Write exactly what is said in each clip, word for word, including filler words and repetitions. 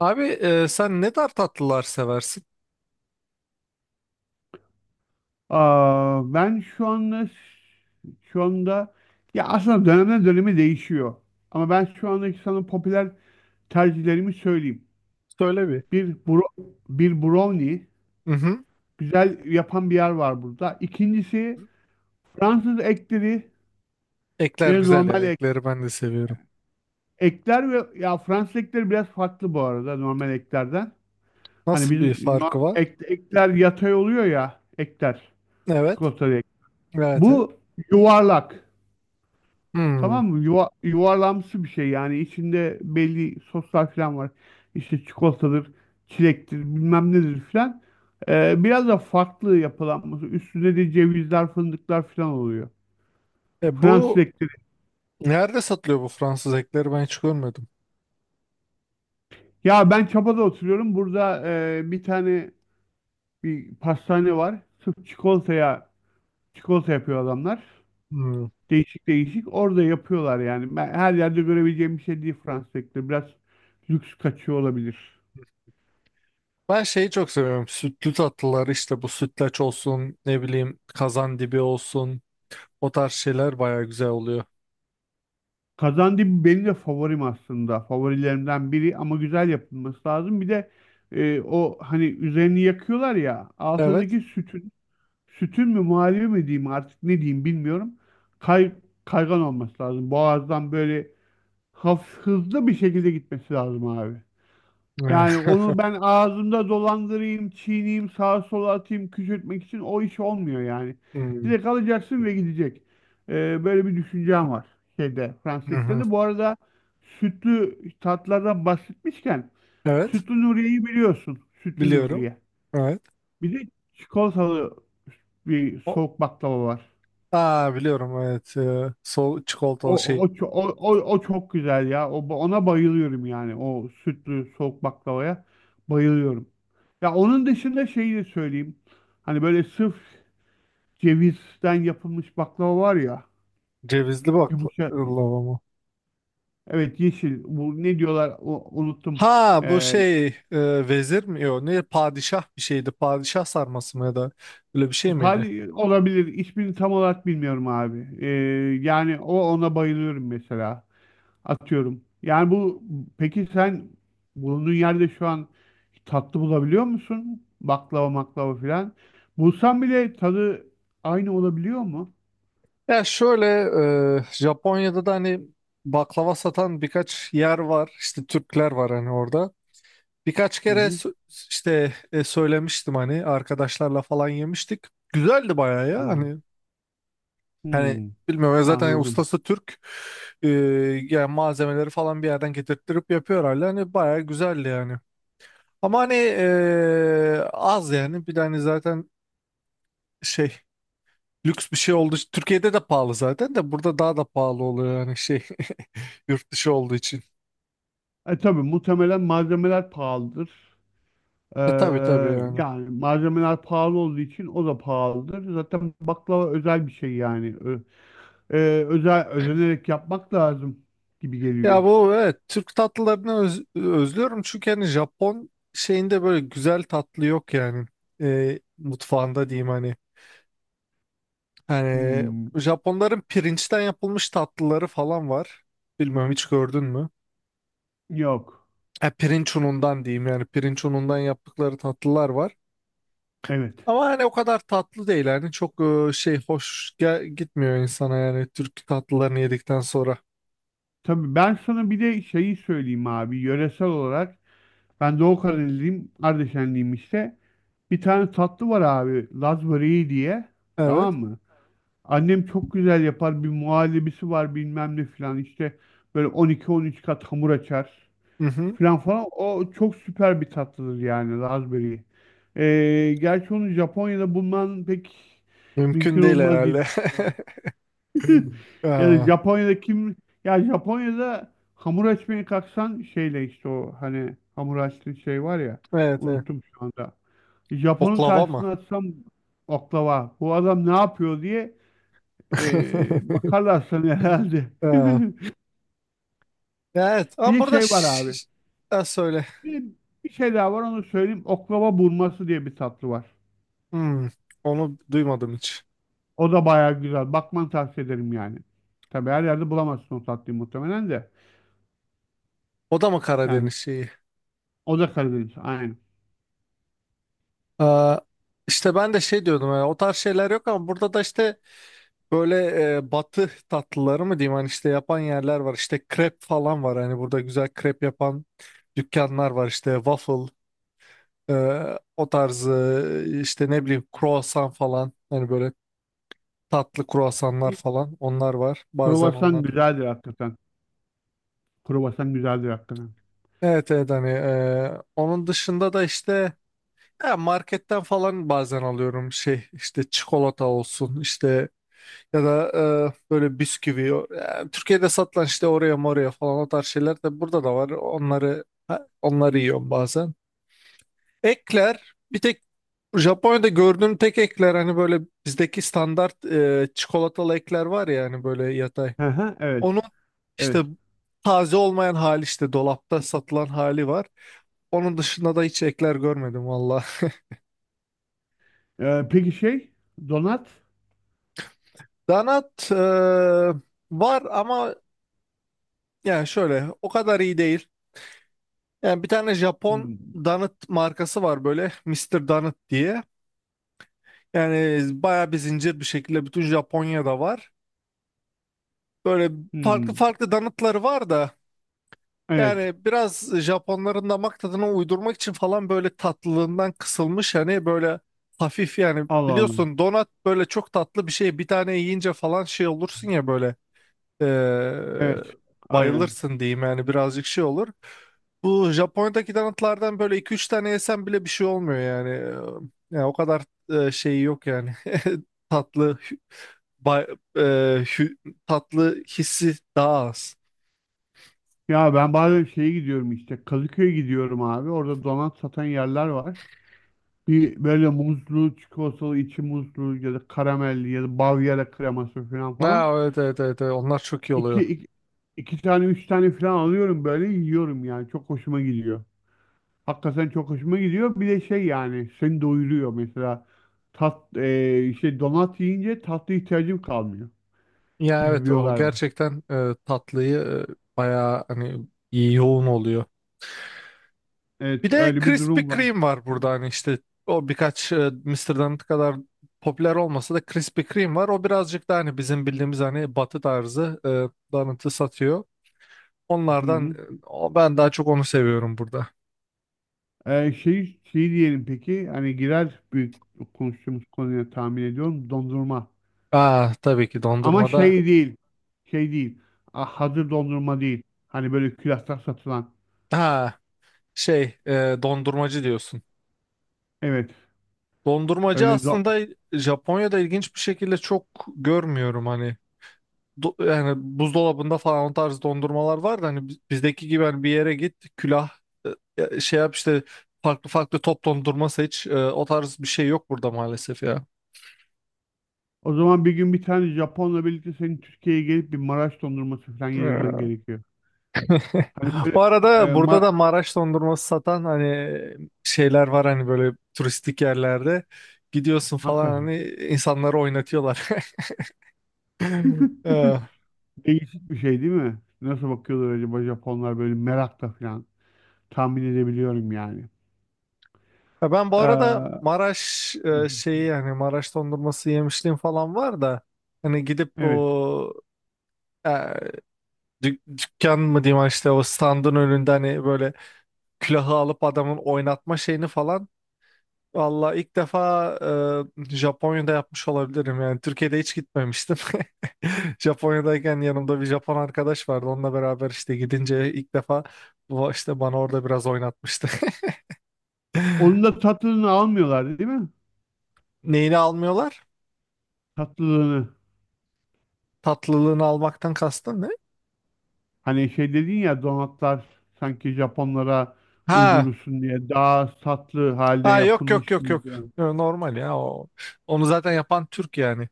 Abi, e, sen ne tarz tatlılar seversin? Aa, ben şu anda şu anda ya aslında dönemden döneme değişiyor. Ama ben şu andaki sana popüler tercihlerimi söyleyeyim. Söyle bir. Bir bro, bir brownie Mhm. güzel yapan bir yer var burada. İkincisi Fransız ekleri Ekler ve güzel normal ya. ek- Ekleri ben de seviyorum. ekler ve ya Fransız ekleri biraz farklı bu arada normal eklerden. Hani Nasıl bir bizim no- farkı var? ek- ekler yatay oluyor ya ekler Evet. çikolatalı ek. Evet. Evet. Bu yuvarlak. Hmm. Tamam mı? Yuva, yuvarlamsı bir şey yani içinde belli soslar falan var. İşte çikolatadır, çilektir, bilmem nedir falan. Ee, biraz da farklı yapılanması. Üstünde de cevizler, fındıklar falan oluyor. E, Fransız Bu ekleri. nerede satılıyor bu Fransız ekleri, ben hiç görmedim. Ya ben Çapa'da oturuyorum. Burada e, bir tane bir pastane var. Sırf çikolataya çikolata yapıyor adamlar. Hmm. Değişik değişik. Orada yapıyorlar yani. Ben her yerde görebileceğim bir şey değil Fransız ekleri. Biraz lüks kaçıyor olabilir. Ben şeyi çok seviyorum. Sütlü tatlılar işte, bu sütlaç olsun, ne bileyim kazandibi olsun. O tarz şeyler baya güzel oluyor. Kazandı benim de favorim aslında. Favorilerimden biri ama güzel yapılması lazım. Bir de e, o hani üzerini yakıyorlar ya Evet. altındaki sütün sütün mü muhallebi mi diyeyim artık ne diyeyim bilmiyorum. Kay, kaygan olması lazım. Boğazdan böyle hafif hızlı bir şekilde gitmesi lazım abi. Evet. Yani onu ben ağzımda dolandırayım, çiğneyim, sağa sola atayım, küçültmek için o iş olmuyor yani. Hmm. Direkt alacaksın ve gidecek. Ee, böyle bir düşüncem var şeyde, Fransızlıkta Mhm. da. Bu arada sütlü tatlardan bahsetmişken Evet. sütlü Nuriye'yi biliyorsun. Sütlü Biliyorum. Nuriye. Evet. Bir de çikolatalı bir O- soğuk baklava var. Aa, biliyorum, evet. Ee, sol çikolatalı O, şey. o, ço- o, o, o çok güzel ya. O, ona bayılıyorum yani. O sütlü soğuk baklavaya bayılıyorum. Ya onun dışında şeyi de söyleyeyim. Hani böyle sırf cevizden yapılmış baklava var ya. Cevizli Yumuşak. baklava mı? Evet yeşil. Bu ne diyorlar o, unuttum. Ha, bu Ee, şey e, vezir mi? Yok, ne padişah bir şeydi. Padişah sarması mı ya da öyle bir şey miydi? Pali olabilir. İsmini tam olarak bilmiyorum abi. Ee, yani o ona bayılıyorum mesela. Atıyorum. Yani bu peki sen bulunduğun yerde şu an tatlı bulabiliyor musun? Baklava maklava filan. Bulsan bile tadı aynı olabiliyor mu? Ya şöyle, e, Japonya'da da hani baklava satan birkaç yer var. İşte Türkler var hani orada. Birkaç Hı kere hı. sö- işte, e, söylemiştim hani arkadaşlarla falan yemiştik. Güzeldi bayağı ya Öyle. hani. Yani Hmm, bilmiyorum ya, zaten anladım. ustası Türk. Ee, Yani malzemeleri falan bir yerden getirttirip yapıyor hala. Hani bayağı güzeldi yani. Ama hani, ee, az yani. Bir de hani zaten şey, lüks bir şey olduğu için. Türkiye'de de pahalı zaten, de burada daha da pahalı oluyor yani şey, yurt dışı olduğu için. E tabii muhtemelen malzemeler pahalıdır. Ee, E tabii, tabii yani. Yani malzemeler pahalı olduğu için o da pahalıdır. Zaten baklava özel bir şey yani. Ö- e, Özel özenerek yapmak lazım gibi geliyor. Ya bu, evet, Türk tatlılarını öz- özlüyorum çünkü hani Japon şeyinde böyle güzel tatlı yok yani. Ee, mutfağında diyeyim hani. Yani Hmm, Japonların pirinçten yapılmış tatlıları falan var. Bilmiyorum, hiç gördün mü? yok. E, pirinç unundan diyeyim yani, pirinç unundan yaptıkları tatlılar var. Evet. Ama hani o kadar tatlı değil yani, çok e, şey, hoş gel- gitmiyor insana yani Türk tatlılarını yedikten sonra. Tabii ben sana bir de şeyi söyleyeyim abi. Yöresel olarak ben Doğu Karadenizliyim, Ardeşenliyim işte. Bir tane tatlı var abi, Laz böreği diye. Evet. Tamam mı? Annem çok güzel yapar. Bir muhallebisi var bilmem ne filan işte. Böyle on iki on üç kat hamur açar Hı hı. filan falan. O çok süper bir tatlıdır yani Laz böreği. Ee, gerçi onu Japonya'da bulman pek Mümkün mümkün değil olmaz diye herhalde. düşünüyorum. Ya da Aa, Japonya'da kim ya Japonya'da hamur açmaya kalksan şeyle işte o hani hamur açtığı şey var ya evet, evet. unuttum şu anda. Japon'un Oklava mı? karşısına atsam oklava bu adam ne yapıyor diye e, bakarlar sana herhalde. Aa, evet Bir ama de burada. şey var ş- abi. ş- Ha, söyle. Bir, bir şey daha var onu söyleyeyim. Oklava burması diye bir tatlı var. Hmm, onu duymadım hiç. O da bayağı güzel. Bakmanı tavsiye ederim yani. Tabii her yerde bulamazsın o tatlıyı muhtemelen de. O da mı Yani Karadeniz şeyi? o da Karadeniz. Aynen. Aa, işte ben de şey diyordum yani, o tarz şeyler yok ama burada da işte böyle, e, batı tatlıları mı diyeyim hani, işte yapan yerler var, işte krep falan var hani, burada güzel krep yapan dükkanlar var, işte waffle, e, o tarzı işte ne bileyim croissant falan, hani böyle tatlı croissanlar falan, onlar var bazen, Kruvasan onlar da. güzeldir hakikaten. Kruvasan güzeldir hakikaten. Evet, evet hani, e, onun dışında da işte ya marketten falan bazen alıyorum şey, işte çikolata olsun işte. Ya da e, böyle bisküvi. O- yani Türkiye'de satılan işte oraya moraya falan, o tarz şeyler de burada da var. Onları, ha, onları yiyorum bazen. Ekler, bir tek Japonya'da gördüğüm tek ekler hani böyle bizdeki standart, e, çikolatalı ekler var ya hani böyle yatay. Hı hı, evet, Onun işte evet. taze olmayan hali, işte dolapta satılan hali var. Onun dışında da hiç ekler görmedim valla. Ee, peki şey, donat? Donut e, var ama, yani şöyle, o kadar iyi değil. Yani bir tane Japon Hmm, Donut markası var, böyle Mister Donut diye. Yani bayağı bir zincir bir şekilde bütün Japonya'da var. Böyle farklı hmm, farklı donutları var da, evet, yani biraz Japonların damak tadına uydurmak için falan böyle tatlılığından kısılmış hani, böyle hafif. Yani Allah Allah. biliyorsun donut böyle çok tatlı bir şey, bir tane yiyince falan şey olursun ya böyle. Ee, Evet, aynen. Bayılırsın diyeyim yani, birazcık şey olur. Bu Japonya'daki donutlardan böyle iki üç tane yesen bile bir şey olmuyor yani. Ee, Yani o kadar e, şeyi yok yani. Tatlı hü- bay- e, hü- Tatlı hissi daha az. Ya ben bazen şeye gidiyorum işte, Kadıköy'e gidiyorum abi. Orada donat satan yerler var. Bir böyle muzlu, çikolatalı, içi muzlu ya da karamelli ya da Bavyera kreması falan Ha, falan. evet, evet, evet, evet. Onlar çok iyi İki, oluyor. iki, iki tane, üç tane falan alıyorum böyle yiyorum yani. Çok hoşuma gidiyor. Hakikaten çok hoşuma gidiyor. Bir de şey yani seni doyuruyor mesela. Tat, e, şey donat yiyince tatlı ihtiyacım kalmıyor Ya gibi evet, bir o olay var. gerçekten, e, tatlıyı, e, bayağı hani iyi yoğun oluyor. Bir Evet de öyle bir Krispy durum var. Kreme var burada hani işte, o birkaç, e, mister Donut kadar popüler olmasa da Krispy Kreme var. O birazcık da hani bizim bildiğimiz hani batı tarzı, e, donut'ı satıyor. Hı Onlardan, hı. e, o, ben daha çok onu seviyorum burada. E, şey, şey diyelim peki hani girer büyük konuştuğumuz konuya tahmin ediyorum dondurma. Aa, tabii ki Ama dondurmada. şey değil. Şey değil. Ah, hazır dondurma değil. Hani böyle külahta satılan. Ha, şey, e, dondurmacı diyorsun. Evet. Dondurmacı Öyle do- aslında Japonya'da ilginç bir şekilde çok görmüyorum hani. Do- yani buzdolabında falan o tarz dondurmalar var da hani, bi- bizdeki gibi hani, bir yere git külah, e, şey yap işte, farklı farklı top dondurma seç. E, o tarz bir şey yok burada maalesef ya. O zaman bir gün bir tane Japonla birlikte senin Türkiye'ye gelip bir Maraş dondurması falan yedirmen Ha. gerekiyor. Hani böyle Bu e, arada burada ma- da Maraş dondurması satan hani şeyler var hani, böyle turistik yerlerde gidiyorsun falan, hakikaten hani insanları oynatıyorlar. Ee, değişik bir şey değil mi? Nasıl bakıyorlar acaba Japonlar böyle merakla falan tahmin edebiliyorum yani. Ya ben bu Ee, arada Hı Maraş, e, hı. şeyi, yani Maraş dondurması yemişliğim falan var da hani gidip Evet. o dük- dükkan mı diyeyim hani, işte o standın önünde hani böyle külahı alıp adamın oynatma şeyini falan. Valla ilk defa, e, Japonya'da yapmış olabilirim yani. Türkiye'de hiç gitmemiştim. Japonya'dayken yanımda bir Japon arkadaş vardı. Onunla beraber işte gidince ilk defa bu işte bana orada biraz oynatmıştı. Onun da tatlılığını almıyorlar değil mi? Neyini almıyorlar? Tatlılığını. Tatlılığını almaktan kastın ne? Hani şey dedin ya donatlar sanki Japonlara Ha, uydurursun diye daha tatlı halde ha yok, yok, yapılmış yok, gibi yok. görünüyor. Yo, normal ya o. Onu zaten yapan Türk yani.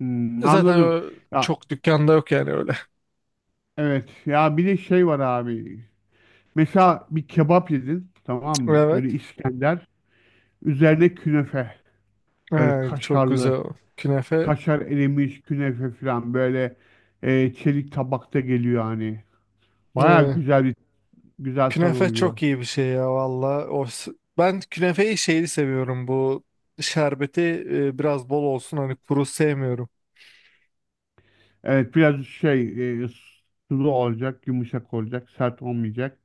Hmm, Zaten anladım. ö- Ya çok dükkanda yok yani öyle. evet. Ya bir de şey var abi. Mesela bir kebap yedin tamam mı? Böyle Evet. İskender. Üzerine künefe. Böyle Ee, çok kaşarlı. güzel. Künefe, Kaşar erimiş künefe falan. Böyle e, çelik tabakta geliyor hani. Baya e, güzel bir güzel tadı künefe oluyor. çok iyi bir şey ya valla. O, s- ben künefeyi şeyli seviyorum, bu şerbeti, e, biraz bol olsun hani, kuru sevmiyorum. Evet biraz şey e, sulu olacak. Yumuşak olacak. Sert olmayacak.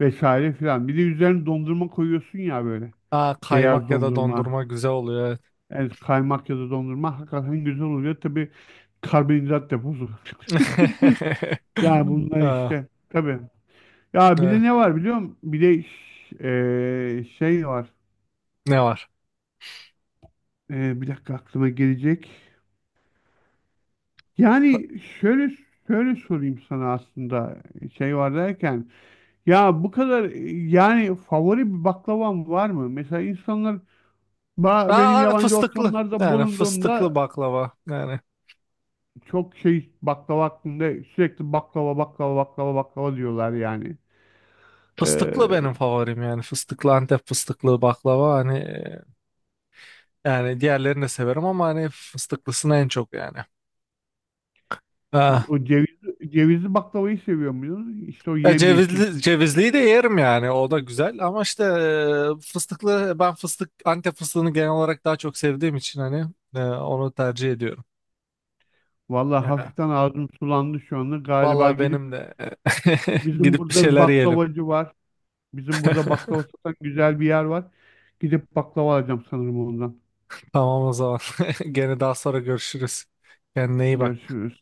Vesaire filan. Bir de üzerine dondurma koyuyorsun ya böyle. Aa, Beyaz kaymak ya da dondurma. dondurma güzel oluyor. Evet. Evet kaymak ya da dondurma hakikaten güzel oluyor. Tabii karbonhidrat deposu. Yani bunlar Aa, işte tabii. Ya bir de evet. ne var biliyor musun? Bir de ş- eee, şey var. Ne var? Eee, bir dakika aklıma gelecek. Yani şöyle şöyle sorayım sana aslında şey var derken. Ya bu kadar e, yani favori bir baklavam var mı? Mesela insanlar ba- Aa, benim hani yabancı fıstıklı. ortamlarda Yani fıstıklı bulunduğumda baklava. Yani çok şey baklava hakkında sürekli baklava baklava baklava baklava diyorlar yani. fıstıklı benim favorim, yani fıstıklı Antep fıstıklı baklava hani, e, yani diğerlerini de severim ama hani fıstıklısını en çok yani. Eee, Ha. o ceviz, cevizli baklavayı seviyor muydun? İşte o Ya yemyeşil. cevizli, cevizliyi de yerim yani, o da güzel ama işte e, fıstıklı, ben fıstık Antep fıstığını genel olarak daha çok sevdiğim için hani, e, onu tercih ediyorum. Vallahi Ya hafiften ağzım sulandı şu anda. Galiba vallahi gidip benim de bizim gidip bir burada bir şeyler yiyelim. baklavacı var. Bizim burada baklava satan güzel bir yer var. Gidip baklava alacağım sanırım ondan. Tamam o zaman, gene daha sonra görüşürüz. Kendine iyi bak. Görüşürüz.